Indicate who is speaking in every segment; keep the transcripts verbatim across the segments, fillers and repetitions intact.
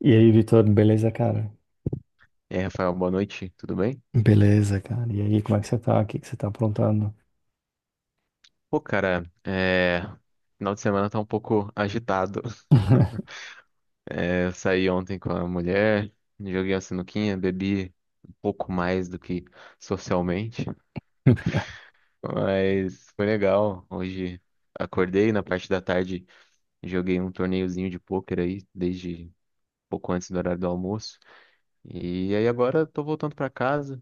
Speaker 1: E aí, Vitor, beleza, cara?
Speaker 2: E aí, Rafael, boa noite, tudo bem?
Speaker 1: Beleza, cara. E aí, como é que você tá? O que que você tá aprontando?
Speaker 2: Pô, cara, é... final de semana tá um pouco agitado. É, eu saí ontem com a mulher, joguei uma sinuquinha, bebi um pouco mais do que socialmente, mas foi legal. Hoje acordei na parte da tarde, joguei um torneiozinho de pôquer aí, desde pouco antes do horário do almoço. E aí agora tô voltando pra casa.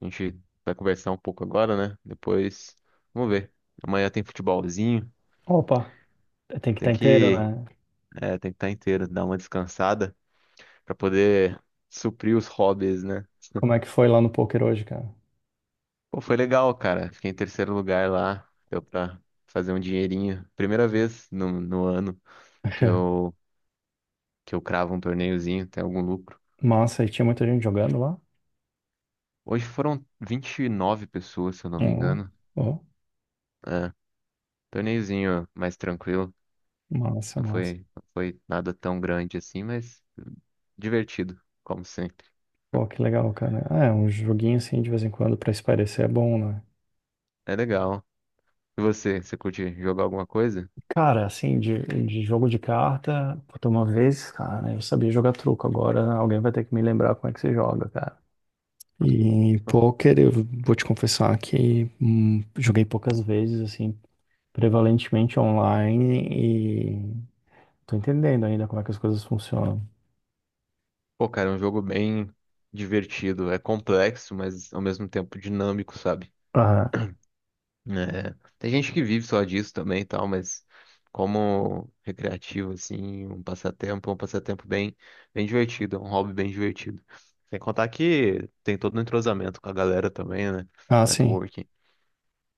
Speaker 2: A gente vai conversar um pouco agora, né? Depois, vamos ver. Amanhã tem futebolzinho.
Speaker 1: Opa, tem que estar
Speaker 2: Tem
Speaker 1: inteiro,
Speaker 2: que
Speaker 1: né?
Speaker 2: É, tem que estar inteiro, dar uma descansada pra poder suprir os hobbies, né?
Speaker 1: Como é que foi lá no poker hoje, cara?
Speaker 2: Pô, foi legal, cara. Fiquei em terceiro lugar lá. Deu pra fazer um dinheirinho. Primeira vez no, no ano que eu, que eu cravo um torneiozinho, tem algum lucro.
Speaker 1: Massa, e tinha muita gente jogando lá?
Speaker 2: Hoje foram vinte e nove pessoas, se eu não me
Speaker 1: Ó,
Speaker 2: engano.
Speaker 1: ó,
Speaker 2: É, torneiozinho mais tranquilo.
Speaker 1: massa,
Speaker 2: Não
Speaker 1: massa.
Speaker 2: foi, não foi nada tão grande assim, mas divertido, como sempre.
Speaker 1: Pô, que legal, cara. Ah, é, um joguinho assim, de vez em quando, pra espairecer é bom, né?
Speaker 2: É legal. E você, você curte jogar alguma coisa?
Speaker 1: Cara, assim, de, de jogo de carta, puta, uma vez, cara, eu sabia jogar truco. Agora alguém vai ter que me lembrar como é que se joga, cara. E em pôquer, eu vou te confessar que hum, joguei poucas vezes, assim, prevalentemente online e tô entendendo ainda como é que as coisas funcionam.
Speaker 2: Pô, cara, é um jogo bem divertido. É complexo, mas ao mesmo tempo dinâmico, sabe?
Speaker 1: Aham.
Speaker 2: É, Tem gente que vive só disso também e tal, mas como recreativo, assim, um passatempo, é um passatempo bem, bem divertido, é um hobby bem divertido. Sem contar que tem todo um entrosamento com a galera também, né?
Speaker 1: Ah, sim.
Speaker 2: Networking.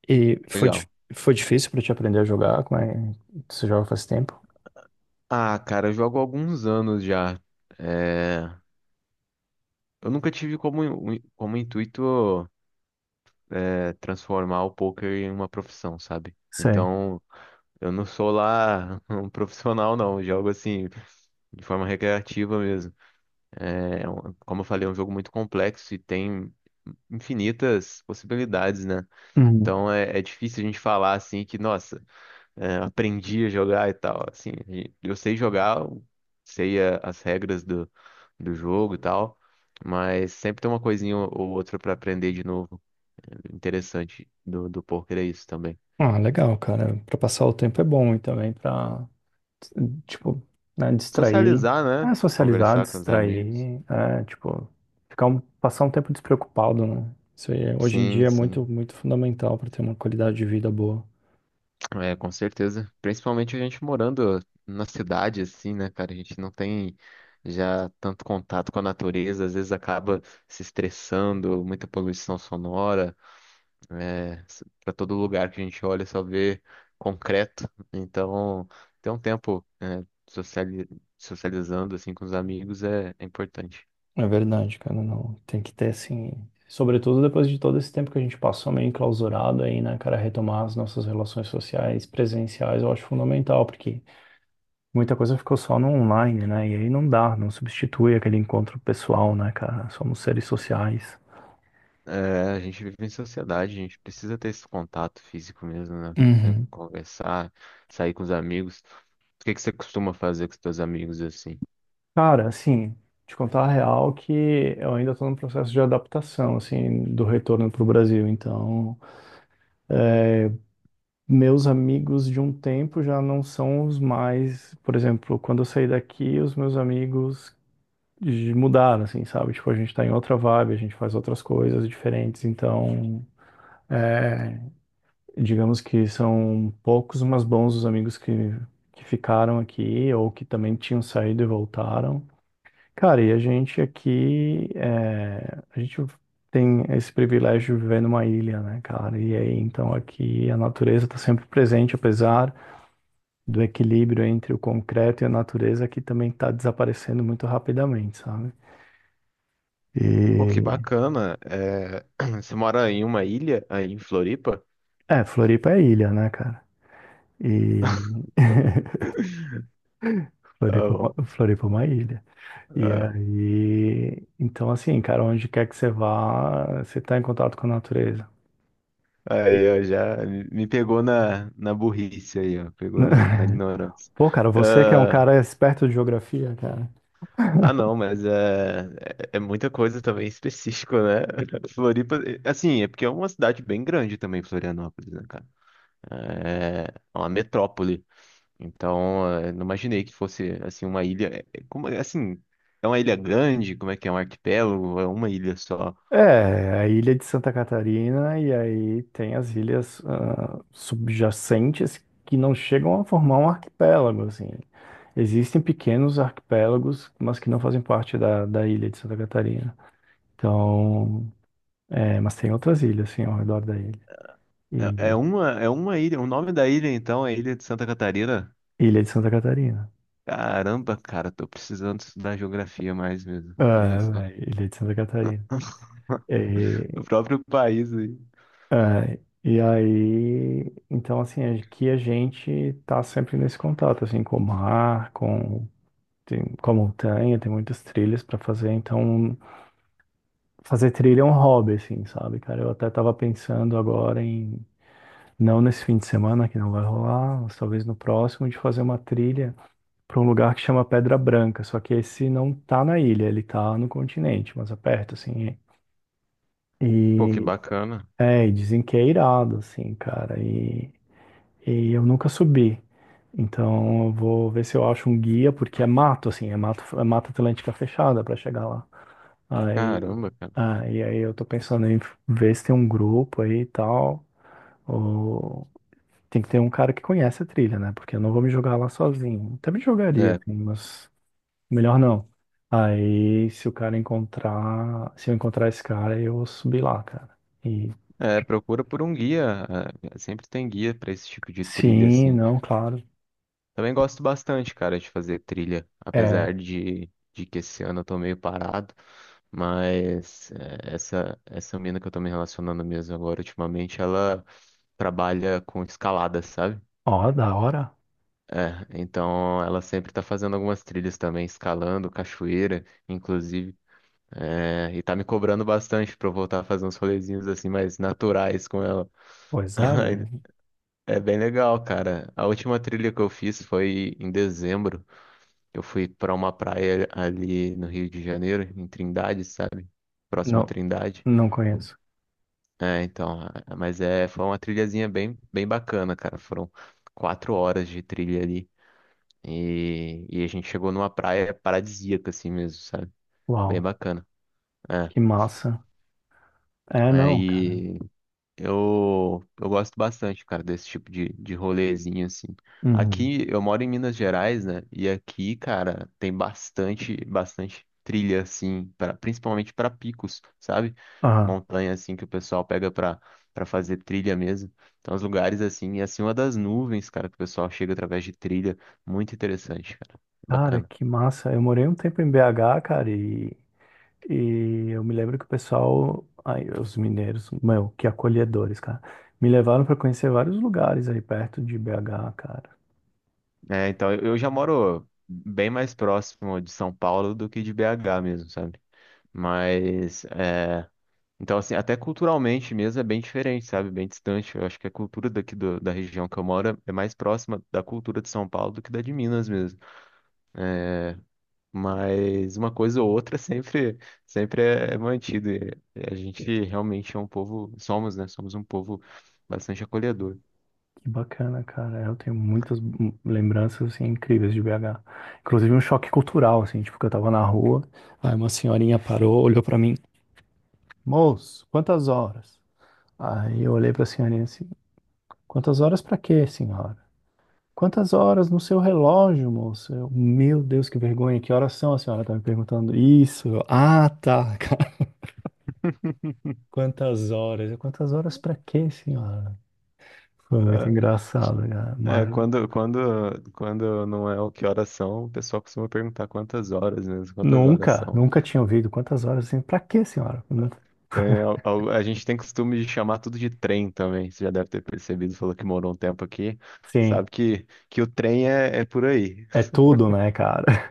Speaker 1: E foi, dif-
Speaker 2: Legal.
Speaker 1: foi difícil pra te aprender a jogar? Como é? Você joga faz tempo?
Speaker 2: Ah, cara, eu jogo há alguns anos já. É, Eu nunca tive como, como intuito. é, transformar o poker em uma profissão, sabe?
Speaker 1: Sei.
Speaker 2: Então, eu não sou lá um profissional, não. Eu jogo assim, de forma recreativa mesmo. É, é um- como eu falei, é um jogo muito complexo e tem infinitas possibilidades, né?
Speaker 1: Uhum.
Speaker 2: Então é, é difícil a gente falar assim que, nossa, é, aprendi a jogar e tal. Assim, e eu sei jogar, eu sei a- as regras do, do jogo e tal, mas sempre tem uma coisinha ou outra pra aprender de novo interessante do, do poker é isso também.
Speaker 1: Ah, legal, cara. Pra passar o tempo é bom e também pra tipo, né, distrair,
Speaker 2: Socializar, né?
Speaker 1: é, socializar,
Speaker 2: Conversar com os amigos.
Speaker 1: distrair, é, tipo, ficar um, passar um tempo despreocupado, né? Isso aí, hoje em
Speaker 2: Sim,
Speaker 1: dia é muito,
Speaker 2: sim.
Speaker 1: muito fundamental para ter uma qualidade de vida boa.
Speaker 2: É, com certeza. Principalmente a gente morando na cidade, assim, né, cara? A gente não tem já tanto contato com a natureza, às vezes acaba se estressando, muita poluição sonora. É, Para todo lugar que a gente olha só vê concreto. Então, ter um tempo, é, sociali- socializando, assim, com os amigos é é importante.
Speaker 1: É verdade, cara, não, tem que ter, assim, sobretudo depois de todo esse tempo que a gente passou meio enclausurado aí, né, cara, retomar as nossas relações sociais, presenciais, eu acho fundamental, porque muita coisa ficou só no online, né, e aí não dá, não substitui aquele encontro pessoal, né, cara, somos seres sociais.
Speaker 2: É, a gente vive em sociedade, a gente precisa ter esse contato físico mesmo, né? É,
Speaker 1: Uhum.
Speaker 2: conversar, sair com os amigos. O que que você costuma fazer com os teus amigos assim?
Speaker 1: Cara, assim, te contar a real que eu ainda estou no processo de adaptação, assim, do retorno para o Brasil. Então, meus amigos de um tempo já não são os mais, por exemplo, quando eu saí daqui, os meus amigos de- mudaram, assim, sabe? Tipo, a gente está em outra vibe, a gente faz outras coisas diferentes. Então, é, digamos que são poucos, mas bons os amigos que, que ficaram aqui ou que também tinham saído e voltaram. Cara, e a gente aqui, é, a gente tem esse privilégio de viver numa ilha, né, cara? E aí, então, aqui a natureza está sempre presente, apesar do equilíbrio entre o concreto e a natureza, que também está desaparecendo muito rapidamente, sabe?
Speaker 2: Pô, que
Speaker 1: E,
Speaker 2: bacana. É, você mora em uma ilha aí em Floripa?
Speaker 1: é, Floripa é ilha, né, cara? E
Speaker 2: Tá
Speaker 1: Floripa, é uma-
Speaker 2: bom.
Speaker 1: Floripa é uma ilha. E
Speaker 2: Ah,
Speaker 1: aí, então, assim, cara, onde quer que você vá, você está em contato com a natureza.
Speaker 2: Aí eu já me me pegou na, na burrice aí, ó. Pegou na, na ignorância.
Speaker 1: Pô, cara, você que é um cara esperto de geografia, cara.
Speaker 2: Ah, não, mas é, é, é muita coisa também específica, né? Floripa, é, assim, é porque é uma cidade bem grande também, Florianópolis, né, cara? É é uma metrópole. Então, é, não imaginei que fosse, assim, uma ilha. é- é como- é, assim, é uma ilha grande? Como é que é? Um arquipélago? É uma ilha só?
Speaker 1: É, a ilha de Santa Catarina e aí tem as ilhas ah, subjacentes que não chegam a formar um arquipélago, assim. Existem pequenos arquipélagos, mas que não fazem parte da, da ilha de Santa Catarina. Então, é, mas tem outras ilhas, assim, ao redor da ilha.
Speaker 2: É,
Speaker 1: E
Speaker 2: é uma, é uma ilha. O nome da ilha, então, é Ilha de Santa Catarina?
Speaker 1: Ilha de Santa Catarina.
Speaker 2: Caramba, cara, tô precisando estudar geografia mais mesmo. Olha só.
Speaker 1: Ah, é, Ilha de Santa Catarina.
Speaker 2: O próprio país aí.
Speaker 1: É, e aí, então assim, é que a gente tá sempre nesse contato, assim, com o mar, com, tem, com a montanha, tem muitas trilhas para fazer, então fazer trilha é um hobby, assim, sabe, cara? Eu até tava pensando agora em, não nesse fim de semana, que não vai rolar, mas talvez no próximo, de fazer uma trilha para um lugar que chama Pedra Branca, só que esse não tá na ilha, ele tá no continente, mas aperto, assim,
Speaker 2: Pô, que
Speaker 1: e,
Speaker 2: bacana.
Speaker 1: é, e dizem que é irado, assim, cara, e... E eu nunca subi. Então eu vou ver se eu acho um guia, porque é mato, assim, é mato, é mata atlântica fechada para chegar lá. Aí,
Speaker 2: Caramba, cara.
Speaker 1: ah, e aí eu tô pensando em ver se tem um grupo aí e tal. Ou tem que ter um cara que conhece a trilha, né? Porque eu não vou me jogar lá sozinho. Até me jogaria,
Speaker 2: É,
Speaker 1: assim, mas melhor não. Aí se o cara encontrar, se eu encontrar esse cara, eu vou subir lá, cara. E
Speaker 2: é, procura por um guia. é, Sempre tem guia pra esse tipo de trilha,
Speaker 1: sim,
Speaker 2: assim.
Speaker 1: não, claro.
Speaker 2: Também gosto bastante, cara, de fazer trilha, apesar
Speaker 1: É,
Speaker 2: de, de que esse ano eu tô meio parado. Mas é, essa essa mina que eu tô me relacionando mesmo agora ultimamente, ela trabalha com escalada, sabe?
Speaker 1: ó, da hora.
Speaker 2: É, então ela sempre tá fazendo algumas trilhas também, escalando, cachoeira, inclusive. É, e tá me cobrando bastante pra eu voltar a fazer uns rolezinhos assim mais naturais com ela.
Speaker 1: Pois é, velho.
Speaker 2: É bem legal, cara. A última trilha que eu fiz foi em dezembro. Eu fui pra uma praia ali no Rio de Janeiro, em Trindade, sabe? Próxima a
Speaker 1: Não,
Speaker 2: Trindade.
Speaker 1: não conheço.
Speaker 2: É, então, a- mas é, foi uma trilhazinha bem, bem bacana, cara. Foram quatro horas de trilha ali. E, e a gente chegou numa praia paradisíaca, assim mesmo, sabe? Bem
Speaker 1: Uau,
Speaker 2: bacana. É.
Speaker 1: que massa. É, não, cara.
Speaker 2: Aí Eu, eu gosto bastante, cara, desse tipo de, de rolezinho, assim.
Speaker 1: Uhum.
Speaker 2: Aqui, eu moro em Minas Gerais, né? E aqui, cara, tem bastante, bastante trilha, assim, pra, principalmente para picos, sabe?
Speaker 1: Ah,
Speaker 2: Montanha, assim, que o pessoal pega pra, pra fazer trilha mesmo. Então, os lugares, assim, e acima das nuvens, cara, que o pessoal chega através de trilha. Muito interessante, cara.
Speaker 1: cara,
Speaker 2: Bacana.
Speaker 1: que massa. Eu morei um tempo em B H, cara, e, e eu me lembro que o pessoal, aí, os mineiros, meu, que acolhedores, cara, me levaram pra conhecer vários lugares aí perto de B H, cara.
Speaker 2: É, então, eu eu já moro bem mais próximo de São Paulo do que de B H mesmo, sabe? Mas, é, então, assim, até culturalmente mesmo é bem diferente, sabe? Bem distante. Eu acho que a cultura daqui do- da região que eu moro é mais próxima da cultura de São Paulo do que da de Minas mesmo. Mas uma coisa ou outra sempre, sempre é é mantido. E A gente realmente é um povo, somos, né? Somos um povo bastante acolhedor.
Speaker 1: Que bacana, cara. Eu tenho muitas hum, lembranças, assim, incríveis de B H. Inclusive um choque cultural, assim, tipo, que eu tava na rua, aí uma senhorinha parou, olhou pra mim, moço, quantas horas? Aí eu olhei para a senhorinha assim, quantas horas para quê, senhora? Quantas horas no seu relógio, moço? Eu, meu Deus, que vergonha, que horas são? A senhora tá me perguntando isso. Eu, ah, tá, cara. Quantas horas? Eu, quantas horas para quê, senhora? Foi muito engraçado, cara.
Speaker 2: É, é,
Speaker 1: Mas
Speaker 2: quando, quando, quando não é o que horas são, o pessoal costuma perguntar quantas horas mesmo, quantas horas
Speaker 1: nunca,
Speaker 2: são.
Speaker 1: nunca tinha ouvido quantas horas assim, para quê, senhora? Não-
Speaker 2: Tem, al- al- a, gente tem costume de chamar tudo de trem também. Você já deve ter percebido, falou que morou um tempo aqui.
Speaker 1: Sim,
Speaker 2: Sabe que, que o trem é, é por aí.
Speaker 1: é tudo, né, cara?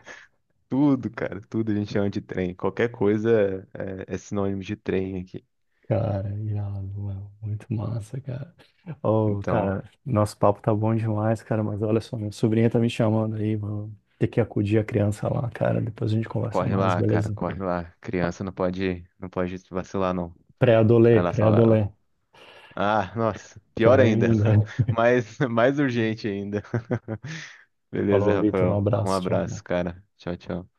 Speaker 2: Tudo, cara, tudo a gente chama de trem. Qualquer coisa é, é é sinônimo de trem aqui.
Speaker 1: Cara, irado, ué, muito massa, cara. Ô,
Speaker 2: Então,
Speaker 1: cara, nosso papo tá bom demais, cara, mas olha só, minha sobrinha tá me chamando aí, mano. Ter que acudir a criança lá, cara. Depois a gente conversa
Speaker 2: corre
Speaker 1: mais,
Speaker 2: lá, cara,
Speaker 1: beleza?
Speaker 2: corre lá. Criança não pode, não pode vacilar, não.
Speaker 1: Pré-adolê,
Speaker 2: Vai lá salvar
Speaker 1: pré-adolê.
Speaker 2: ela. Ah, nossa,
Speaker 1: Pior
Speaker 2: pior ainda.
Speaker 1: ainda.
Speaker 2: Mais, mais urgente ainda. Beleza,
Speaker 1: Falou, Vitor, um
Speaker 2: Rafael. Um
Speaker 1: abraço, tchau,
Speaker 2: abraço,
Speaker 1: cara.
Speaker 2: cara. Tchau, tchau.